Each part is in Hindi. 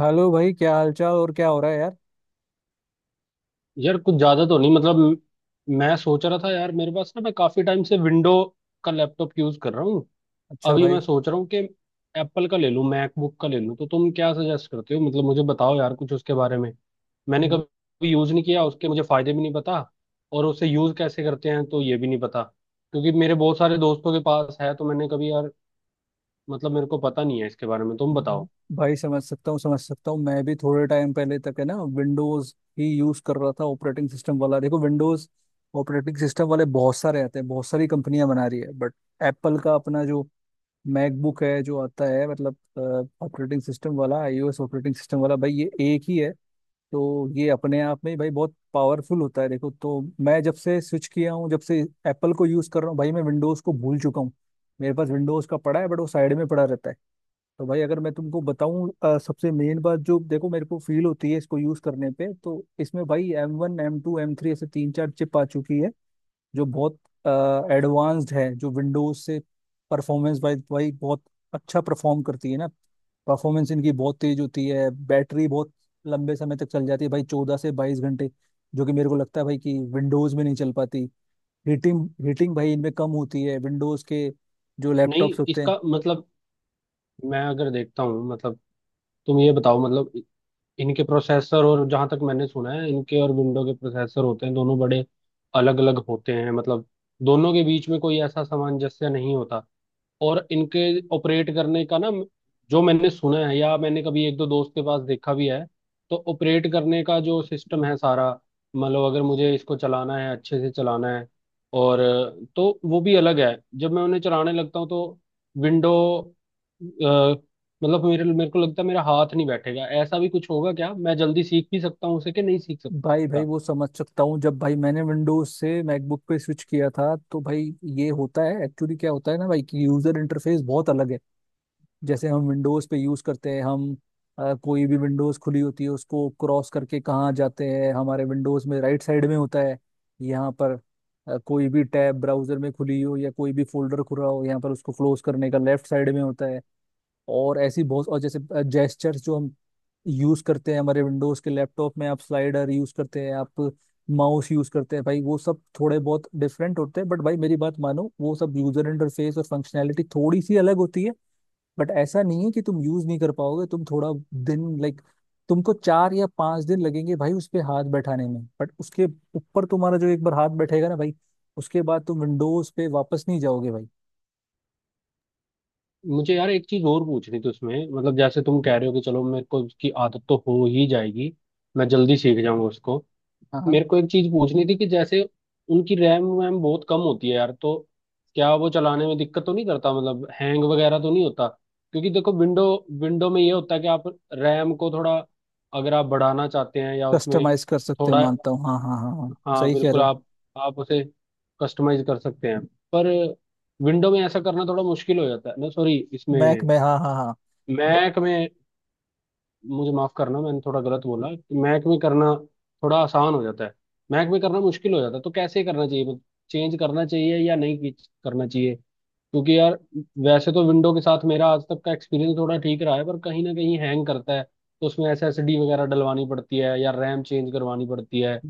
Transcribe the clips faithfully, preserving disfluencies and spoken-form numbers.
हेलो भाई, क्या हालचाल और क्या हो रहा है यार। यार कुछ ज्यादा तो नहीं, मतलब म- मैं सोच रहा था यार, मेरे पास ना, मैं काफी टाइम से विंडो का लैपटॉप यूज कर रहा हूँ। अच्छा अभी भाई। मैं सोच रहा हूँ कि एप्पल का ले लूँ, मैकबुक का ले लूँ, तो तुम क्या सजेस्ट करते हो? मतलब मुझे बताओ यार कुछ उसके बारे में। मैंने व- कभी यूज नहीं किया, उसके मुझे फायदे भी नहीं पता और उसे यूज कैसे करते हैं तो ये भी नहीं पता, क्योंकि मेरे बहुत सारे दोस्तों के पास है। तो मैंने कभी यार, मतलब मेरे को पता नहीं है इसके बारे में, तुम व- बताओ। भाई, समझ सकता हूँ समझ सकता हूँ। मैं भी थोड़े टाइम पहले तक, है ना, विंडोज ही यूज कर रहा था ऑपरेटिंग सिस्टम वाला। देखो, विंडोज ऑपरेटिंग सिस्टम वाले बहुत सारे आते हैं, बहुत सारी कंपनियां बना रही है। बट एप्पल का अपना जो मैकबुक है जो आता है, मतलब ऑपरेटिंग सिस्टम वाला आई ओ एस ऑपरेटिंग सिस्टम वाला भाई, ये एक ही है। तो ये अपने आप में ही भाई बहुत पावरफुल होता है। देखो, तो मैं जब से स्विच किया हूँ, जब से एप्पल को यूज़ कर रहा हूँ भाई, मैं विंडोज़ को भूल चुका हूँ। मेरे पास विंडोज़ का पड़ा है बट वो साइड में पड़ा रहता है। तो भाई, अगर मैं तुमको बताऊं अ, सबसे मेन बात जो देखो मेरे को फील होती है इसको यूज़ करने पे, तो इसमें भाई M one M two M three ऐसे तीन चार चिप आ चुकी है जो बहुत एडवांस्ड है, जो विंडोज से परफॉर्मेंस वाइज वाइज बहुत अच्छा परफॉर्म करती है ना। परफॉर्मेंस इनकी बहुत तेज होती है, बैटरी बहुत लंबे समय तक चल जाती है भाई, चौदह से बाईस घंटे, जो कि मेरे को लगता है भाई कि विंडोज में नहीं चल पाती। हीटिंग हीटिंग भाई इनमें कम होती है, विंडोज के जो नहीं, लैपटॉप्स होते हैं। इसका मतलब, मैं अगर देखता हूँ, मतलब तुम ये बताओ, मतलब इनके प्रोसेसर, और जहां तक मैंने सुना है इनके और विंडो के प्रोसेसर होते हैं दोनों बड़े अलग अलग होते हैं मतलब, दोनों के बीच में कोई ऐसा सामंजस्य नहीं होता। और इनके ऑपरेट करने का ना, जो मैंने सुना है या मैंने कभी एक दो दोस्त के पास देखा भी है, तो ऑपरेट करने का जो सिस्टम है सारा, मतलब अगर मुझे इसको चलाना है, अच्छे से चलाना है, और अ, तो वो भी अलग है। जब मैं उन्हें चलाने लगता हूँ तो विंडो, मतलब मेरे मेरे को लगता है मेरा हाथ नहीं बैठेगा, ऐसा भी कुछ होगा क्या? मैं जल्दी सीख भी सकता हूँ उसे कि नहीं सीख भाई भाई सकता? वो समझ सकता हूँ। जब भाई मैंने विंडोज से मैकबुक पे स्विच किया था, तो भाई ये होता है, एक्चुअली क्या होता है ना भाई, कि यूजर इंटरफेस बहुत अलग है। जैसे हम विंडोज पे यूज करते हैं, हम अ, कोई भी विंडोज खुली होती है उसको क्रॉस करके कहाँ जाते हैं, हमारे विंडोज में राइट साइड में होता है। यहाँ पर अ, कोई भी टैब ब्राउजर में खुली हो या कोई भी फोल्डर खुला हो, यहाँ पर उसको क्लोज करने का लेफ्ट साइड में होता है। और ऐसी बहुत, और जैसे जेस्चर्स जो हम यूज करते हैं, हमारे विंडोज के लैपटॉप में आप स्लाइडर यूज करते हैं, आप माउस यूज करते हैं भाई, वो सब थोड़े बहुत डिफरेंट होते हैं। बट भाई मेरी बात मानो, वो सब यूजर इंटरफेस और फंक्शनैलिटी थोड़ी सी अलग होती है, बट ऐसा नहीं है कि तुम यूज नहीं कर पाओगे। तुम थोड़ा दिन, लाइक, तुमको चार या पांच दिन लगेंगे भाई उस पे हाथ बैठाने में, बट उसके ऊपर तुम्हारा जो एक बार हाथ बैठेगा ना भाई, उसके बाद तुम विंडोज पे वापस नहीं जाओगे भाई। मुझे यार एक चीज और पूछनी थी उसमें, मतलब जैसे तुम कह रहे हो कि चलो मेरे को उसकी आदत तो हो ही जाएगी, मैं जल्दी सीख जाऊंगा उसको। हाँ हाँ। मेरे को एक चीज पूछनी थी कि जैसे उनकी रैम वैम बहुत कम होती है यार, तो क्या वो चलाने में दिक्कत तो नहीं करता? मतलब हैंग वगैरह तो नहीं होता? क्योंकि देखो विंडो, विंडो में ये होता है कि आप रैम को थोड़ा, अगर आप बढ़ाना चाहते हैं या उसमें कस्टमाइज कर सकते हैं, थोड़ा, मानता हूँ। हाँ हाँ हाँ हाँ, हाँ सही कह रहे बिल्कुल, हो। आप आप उसे कस्टमाइज कर सकते हैं। पर विंडो में ऐसा करना थोड़ा मुश्किल हो जाता है ना, सॉरी मैक इसमें, में, हाँ हाँ हाँ। मैक में, मुझे माफ करना मैंने थोड़ा गलत बोला कि मैक में करना थोड़ा आसान हो जाता है। मैक में करना मुश्किल हो जाता है, तो कैसे करना चाहिए? मतलब चेंज करना चाहिए या नहीं कि- करना चाहिए? क्योंकि यार वैसे तो विंडो के साथ मेरा आज तक का एक्सपीरियंस थोड़ा ठीक रहा है, पर कहीं ना कहीं हैंग करता है, तो उसमें एस एस डी वगैरह डलवानी पड़ती है या रैम चेंज करवानी पड़ती है।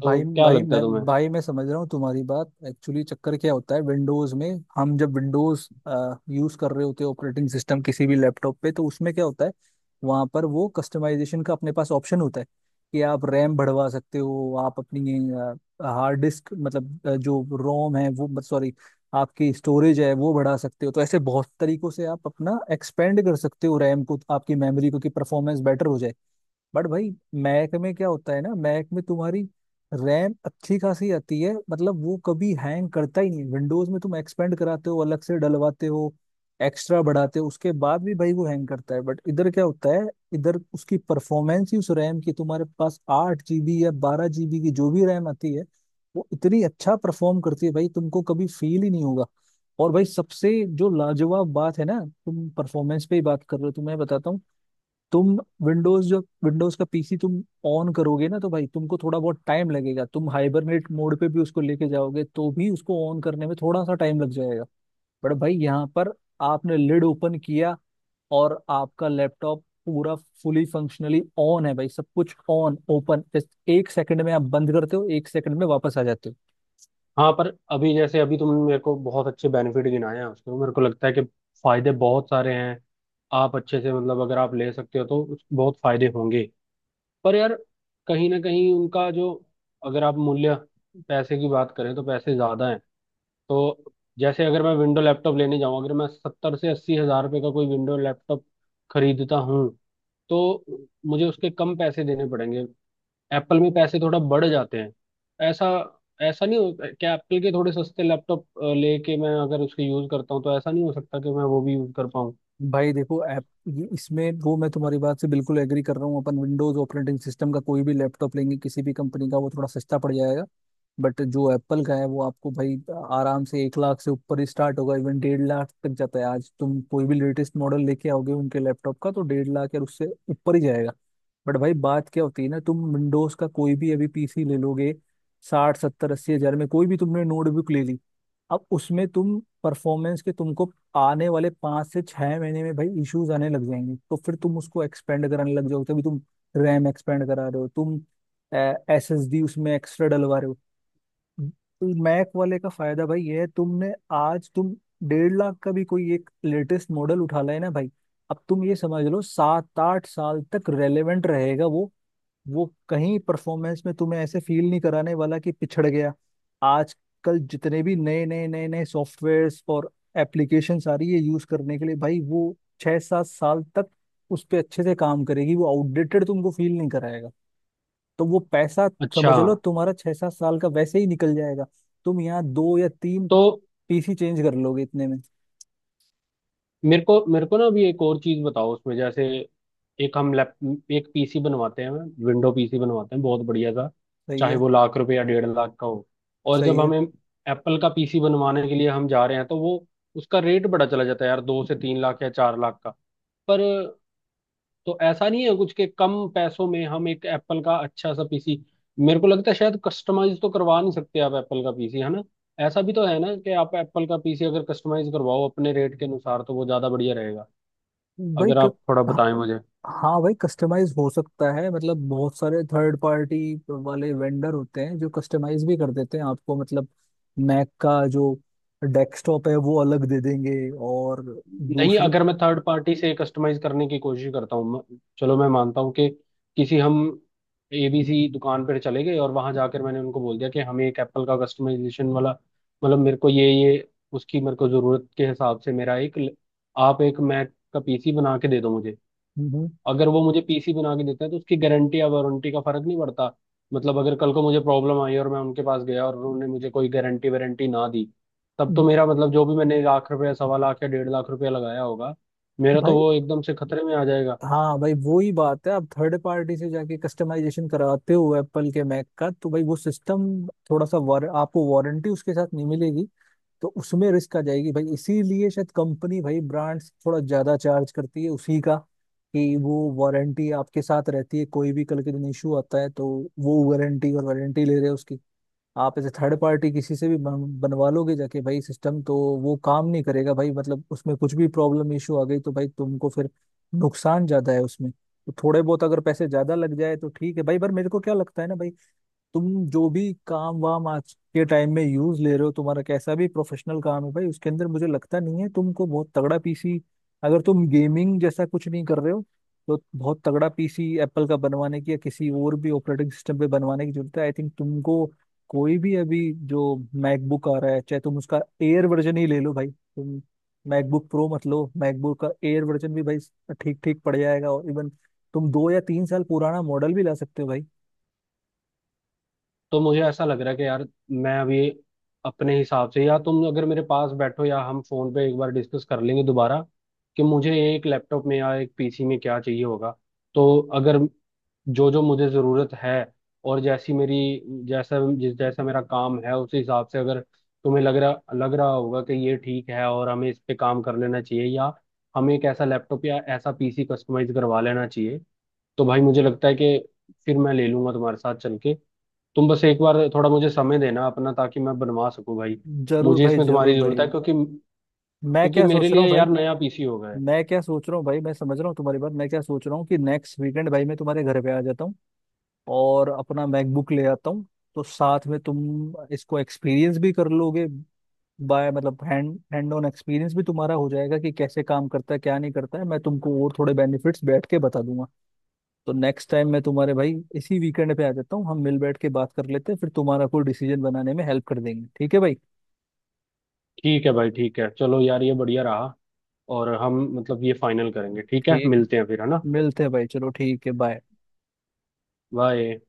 तो भाई क्या भाई लगता है मैं तुम्हें? भाई मैं समझ रहा हूँ तुम्हारी बात। एक्चुअली चक्कर क्या होता है विंडोज में, हम जब विंडोज यूज कर रहे होते हैं ऑपरेटिंग सिस्टम किसी भी लैपटॉप पे, तो उसमें क्या होता है, वहां पर वो कस्टमाइजेशन का अपने पास ऑप्शन होता है कि आप रैम बढ़वा सकते हो, आप अपनी हार्ड डिस्क मतलब अ, जो रोम है वो, सॉरी, आपकी स्टोरेज है, वो बढ़ा सकते हो। तो ऐसे बहुत तरीकों से आप अपना एक्सपेंड कर सकते हो रैम को, आपकी मेमोरी को, कि परफॉर्मेंस बेटर हो जाए। बट भाई मैक में क्या होता है ना, मैक में तुम्हारी रैम अच्छी खासी आती है, मतलब वो कभी हैंग करता ही नहीं। विंडोज में तुम एक्सपेंड कराते हो, अलग से डलवाते हो, एक्स्ट्रा बढ़ाते हो, उसके बाद भी भाई वो हैंग करता है। बट इधर क्या होता है, इधर उसकी परफॉर्मेंस ही, उस रैम की, तुम्हारे पास आठ जीबी या बारह जीबी की जो भी रैम आती है, वो इतनी अच्छा परफॉर्म करती है भाई, तुमको कभी फील ही नहीं होगा। और भाई सबसे जो लाजवाब बात है ना, तुम परफॉर्मेंस पे ही बात कर रहे हो, तो मैं बताता हूँ। तुम विंडोज, जो विंडोज का पीसी तुम ऑन करोगे ना, तो भाई तुमको थोड़ा बहुत टाइम लगेगा, तुम हाइबरनेट मोड पे भी उसको लेके जाओगे तो भी उसको ऑन करने में थोड़ा सा टाइम लग जाएगा। बट भाई यहाँ पर आपने लिड ओपन किया और आपका लैपटॉप पूरा फुली फंक्शनली ऑन है भाई, सब कुछ ऑन, ओपन, जस्ट एक सेकंड में आप बंद करते हो, एक सेकंड में वापस आ जाते हो। हाँ, पर अभी जैसे अभी तुमने मेरे को बहुत अच्छे बेनिफिट गिनाए हैं उसके, मेरे को लगता है कि फायदे बहुत सारे हैं। आप अच्छे से, मतलब अगर आप ले सकते हो तो उस- बहुत फायदे होंगे। पर यार कहीं ना कहीं उनका जो, अगर आप मूल्य, पैसे की बात करें तो पैसे ज्यादा हैं। तो जैसे अगर मैं विंडो लैपटॉप लेने जाऊं, अगर मैं सत्तर से अस्सी हजार रुपये का कोई विंडो लैपटॉप खरीदता हूं, तो मुझे उसके कम पैसे देने पड़ेंगे। एप्पल में पैसे थोड़ा बढ़ जाते हैं। ऐसा ऐसा नहीं हो क्या, एप्पल के थोड़े सस्ते लैपटॉप लेके मैं अगर उसके यूज करता हूँ, तो ऐसा नहीं हो सकता कि मैं वो भी यूज कर पाऊँ? भाई देखो, ऐप ये- इसमें वो, मैं तुम्हारी बात से बिल्कुल एग्री कर रहा हूँ। अपन विंडोज ऑपरेटिंग सिस्टम का कोई भी लैपटॉप लेंगे किसी भी कंपनी का, वो थोड़ा सस्ता पड़ जाएगा। बट जो एप्पल का है वो आपको भाई आराम से एक लाख से ऊपर ही स्टार्ट होगा, इवन डेढ़ लाख तक जाता है। आज तुम कोई भी लेटेस्ट मॉडल लेके आओगे उनके लैपटॉप का, तो डेढ़ लाख या उससे ऊपर ही जाएगा। बट भाई बात क्या होती है ना, तुम विंडोज का कोई भी अभी पीसी ले लोगे, साठ सत्तर अस्सी हजार में कोई भी तुमने नोटबुक ले ली, अब उसमें तुम परफॉर्मेंस के, तुमको आने वाले पाँच से छह महीने में भाई इश्यूज आने लग जाएंगे। तो फिर तुम उसको एक्सपेंड कराने लग जाओगे, तभी तुम रैम एक्सपेंड करा रहे हो, तुम एस एस डी उसमें एक्स्ट्रा डलवा रहे हो। तो मैक वाले का फायदा भाई ये है, तुमने आज तुम डेढ़ लाख का भी कोई एक लेटेस्ट मॉडल उठा लाए ना भाई, अब तुम ये समझ लो, सात आठ साल तक रेलेवेंट रहेगा वो। वो कहीं परफॉर्मेंस में तुम्हें ऐसे फील नहीं कराने वाला कि पिछड़ गया। आजकल जितने भी नए नए नए नए सॉफ्टवेयर्स और एप्लीकेशन आ रही है यूज करने के लिए भाई, वो छह सात साल तक उस पर अच्छे से काम करेगी, वो आउटडेटेड तुमको फील नहीं कराएगा। तो वो पैसा अच्छा, समझ लो तुम्हारा छह सात साल का वैसे ही निकल जाएगा, तुम यहाँ दो या तीन तो पीसी चेंज कर लोगे इतने में। मेरे को मेरे को ना अभी एक और चीज बताओ उसमें, जैसे एक हम लैप एक पीसी बनवाते हैं, विंडो पीसी बनवाते हैं, बहुत बढ़िया सा, सही चाहे है। वो लाख रुपए या डेढ़ लाख का हो। और सही जब है। हमें एप्पल का पीसी बनवाने के लिए हम जा रहे हैं, तो वो उसका रेट बड़ा चला जाता है यार, दो से तीन लाख या चार लाख का। पर तो ऐसा नहीं है, कुछ के कम पैसों में हम एक एप्पल का अच्छा सा पीसी, मेरे को लगता है शायद कस्टमाइज तो करवा नहीं सकते आप एप्पल का पीसी, है ना? ऐसा भी तो है ना कि आप एप्पल का पीसी अगर कस्टमाइज करवाओ अपने रेट के अनुसार, तो वो ज्यादा बढ़िया रहेगा, भाई अगर क... आप थोड़ा हाँ बताएं मुझे। हाँ भाई, कस्टमाइज हो सकता है। मतलब बहुत सारे थर्ड पार्टी वाले वेंडर होते हैं जो कस्टमाइज भी कर देते हैं आपको, मतलब मैक का जो डेस्कटॉप है वो अलग दे देंगे और नहीं, दूसरी। अगर मैं थर्ड पार्टी से कस्टमाइज करने की कोशिश करता हूँ, मैं- चलो मैं मानता हूँ कि किसी, हम ए बी सी दुकान पर चले गए और वहां जाकर मैंने उनको बोल दिया कि हमें एक एप्पल का कस्टमाइजेशन वाला, मतलब मेरे को ये ये उसकी मेरे को जरूरत के हिसाब से मेरा एक ल- आप एक मैक का पीसी बना के दे दो मुझे। हम्म। अगर वो मुझे पीसी बना के देते हैं तो उसकी गारंटी या वारंटी का फर्क नहीं पड़ता, मतलब अगर कल को मुझे प्रॉब्लम आई और मैं उनके पास गया और उन्होंने मुझे कोई गारंटी वारंटी ना दी, तब हम्म। तो मेरा मतलब, जो भी मैंने लाख रुपया, सवा लाख या डेढ़ लाख रुपया लगाया होगा, मेरा तो भाई, वो एकदम से खतरे में आ जाएगा। हाँ भाई, वो ही बात है, आप थर्ड पार्टी से जाके कस्टमाइजेशन कराते हो एप्पल के मैक का, तो भाई वो सिस्टम थोड़ा सा वार, आपको वारंटी उसके साथ नहीं मिलेगी, तो उसमें रिस्क आ जाएगी भाई। इसीलिए शायद कंपनी भाई, ब्रांड्स थोड़ा ज्यादा चार्ज करती है उसी का, कि वो वारंटी आपके साथ रहती है, कोई भी कल के दिन इशू आता है तो वो वारंटी, और वारंटी ले रहे हैं उसकी। आप ऐसे थर्ड पार्टी किसी से भी बन, बनवा लोगे जाके भाई, सिस्टम तो वो काम नहीं करेगा भाई। मतलब उसमें कुछ भी प्रॉब्लम इशू आ गई तो भाई तुमको फिर नुकसान ज्यादा है उसमें। तो थोड़े बहुत अगर पैसे ज्यादा लग जाए तो ठीक है भाई, पर मेरे को क्या लगता है ना भाई, तुम जो भी काम वाम आज के टाइम में यूज ले रहे हो, तुम्हारा कैसा भी प्रोफेशनल काम है भाई, उसके अंदर मुझे लगता नहीं है तुमको बहुत तगड़ा पीसी, अगर तुम गेमिंग जैसा कुछ नहीं कर रहे हो, तो बहुत तगड़ा पीसी एप्पल का बनवाने की या किसी और भी ऑपरेटिंग सिस्टम पे बनवाने की जरूरत है, आई थिंक। तुमको कोई भी अभी जो मैकबुक आ रहा है, चाहे तुम उसका एयर वर्जन ही ले लो भाई, तुम मैकबुक प्रो मत लो, मैकबुक का एयर वर्जन भी भाई ठीक ठीक पड़ जाएगा। और इवन तुम दो या तीन साल पुराना मॉडल भी ला सकते हो भाई। तो मुझे ऐसा लग रहा है कि यार, मैं अभी अपने हिसाब से, या तुम अगर मेरे पास बैठो, या हम फोन पे एक बार डिस्कस कर लेंगे दोबारा कि मुझे एक लैपटॉप में या एक पीसी में क्या चाहिए होगा। तो अगर जो जो मुझे ज़रूरत है, और जैसी मेरी, जैसा जिस जैसा मेरा काम है, उस हिसाब से अगर तुम्हें लग रहा लग रहा होगा कि ये ठीक है और हमें इस पे काम कर लेना चाहिए, या हमें एक ऐसा लैपटॉप या ऐसा पीसी कस्टमाइज करवा लेना चाहिए, तो भाई मुझे लगता है कि फिर मैं ले लूंगा तुम्हारे साथ चल के। तुम बस एक बार थोड़ा मुझे समय देना अपना, ताकि मैं बनवा सकूं भाई। जरूर मुझे भाई, इसमें तुम्हारी जरूर भाई। जरूरत है, क्योंकि मैं क्योंकि क्या मेरे सोच रहा हूँ लिए भाई यार नया पीसी हो गया है। मैं क्या सोच रहा हूँ भाई, मैं समझ रहा हूँ तुम्हारी बात। मैं क्या सोच रहा हूँ कि नेक्स्ट वीकेंड भाई मैं तुम्हारे घर पे आ जाता हूँ और अपना मैकबुक ले आता हूँ, तो साथ में तुम इसको एक्सपीरियंस भी कर लोगे, बाय मतलब हैंड हैंड ऑन एक्सपीरियंस भी तुम्हारा हो जाएगा कि कैसे काम करता है क्या नहीं करता है। मैं तुमको और थोड़े बेनिफिट्स बैठ के बता दूंगा। तो नेक्स्ट टाइम मैं तुम्हारे, भाई इसी वीकेंड पे आ जाता हूँ, हम मिल बैठ के बात कर लेते हैं, फिर तुम्हारा कोई डिसीजन बनाने में हेल्प कर देंगे, ठीक है भाई। ठीक है भाई, ठीक है, चलो यार ये बढ़िया रहा और हम, मतलब ये फाइनल करेंगे, ठीक है? ठीक, मिलते हैं फिर, है ना? मिलते हैं भाई, चलो ठीक है, बाय। बाय।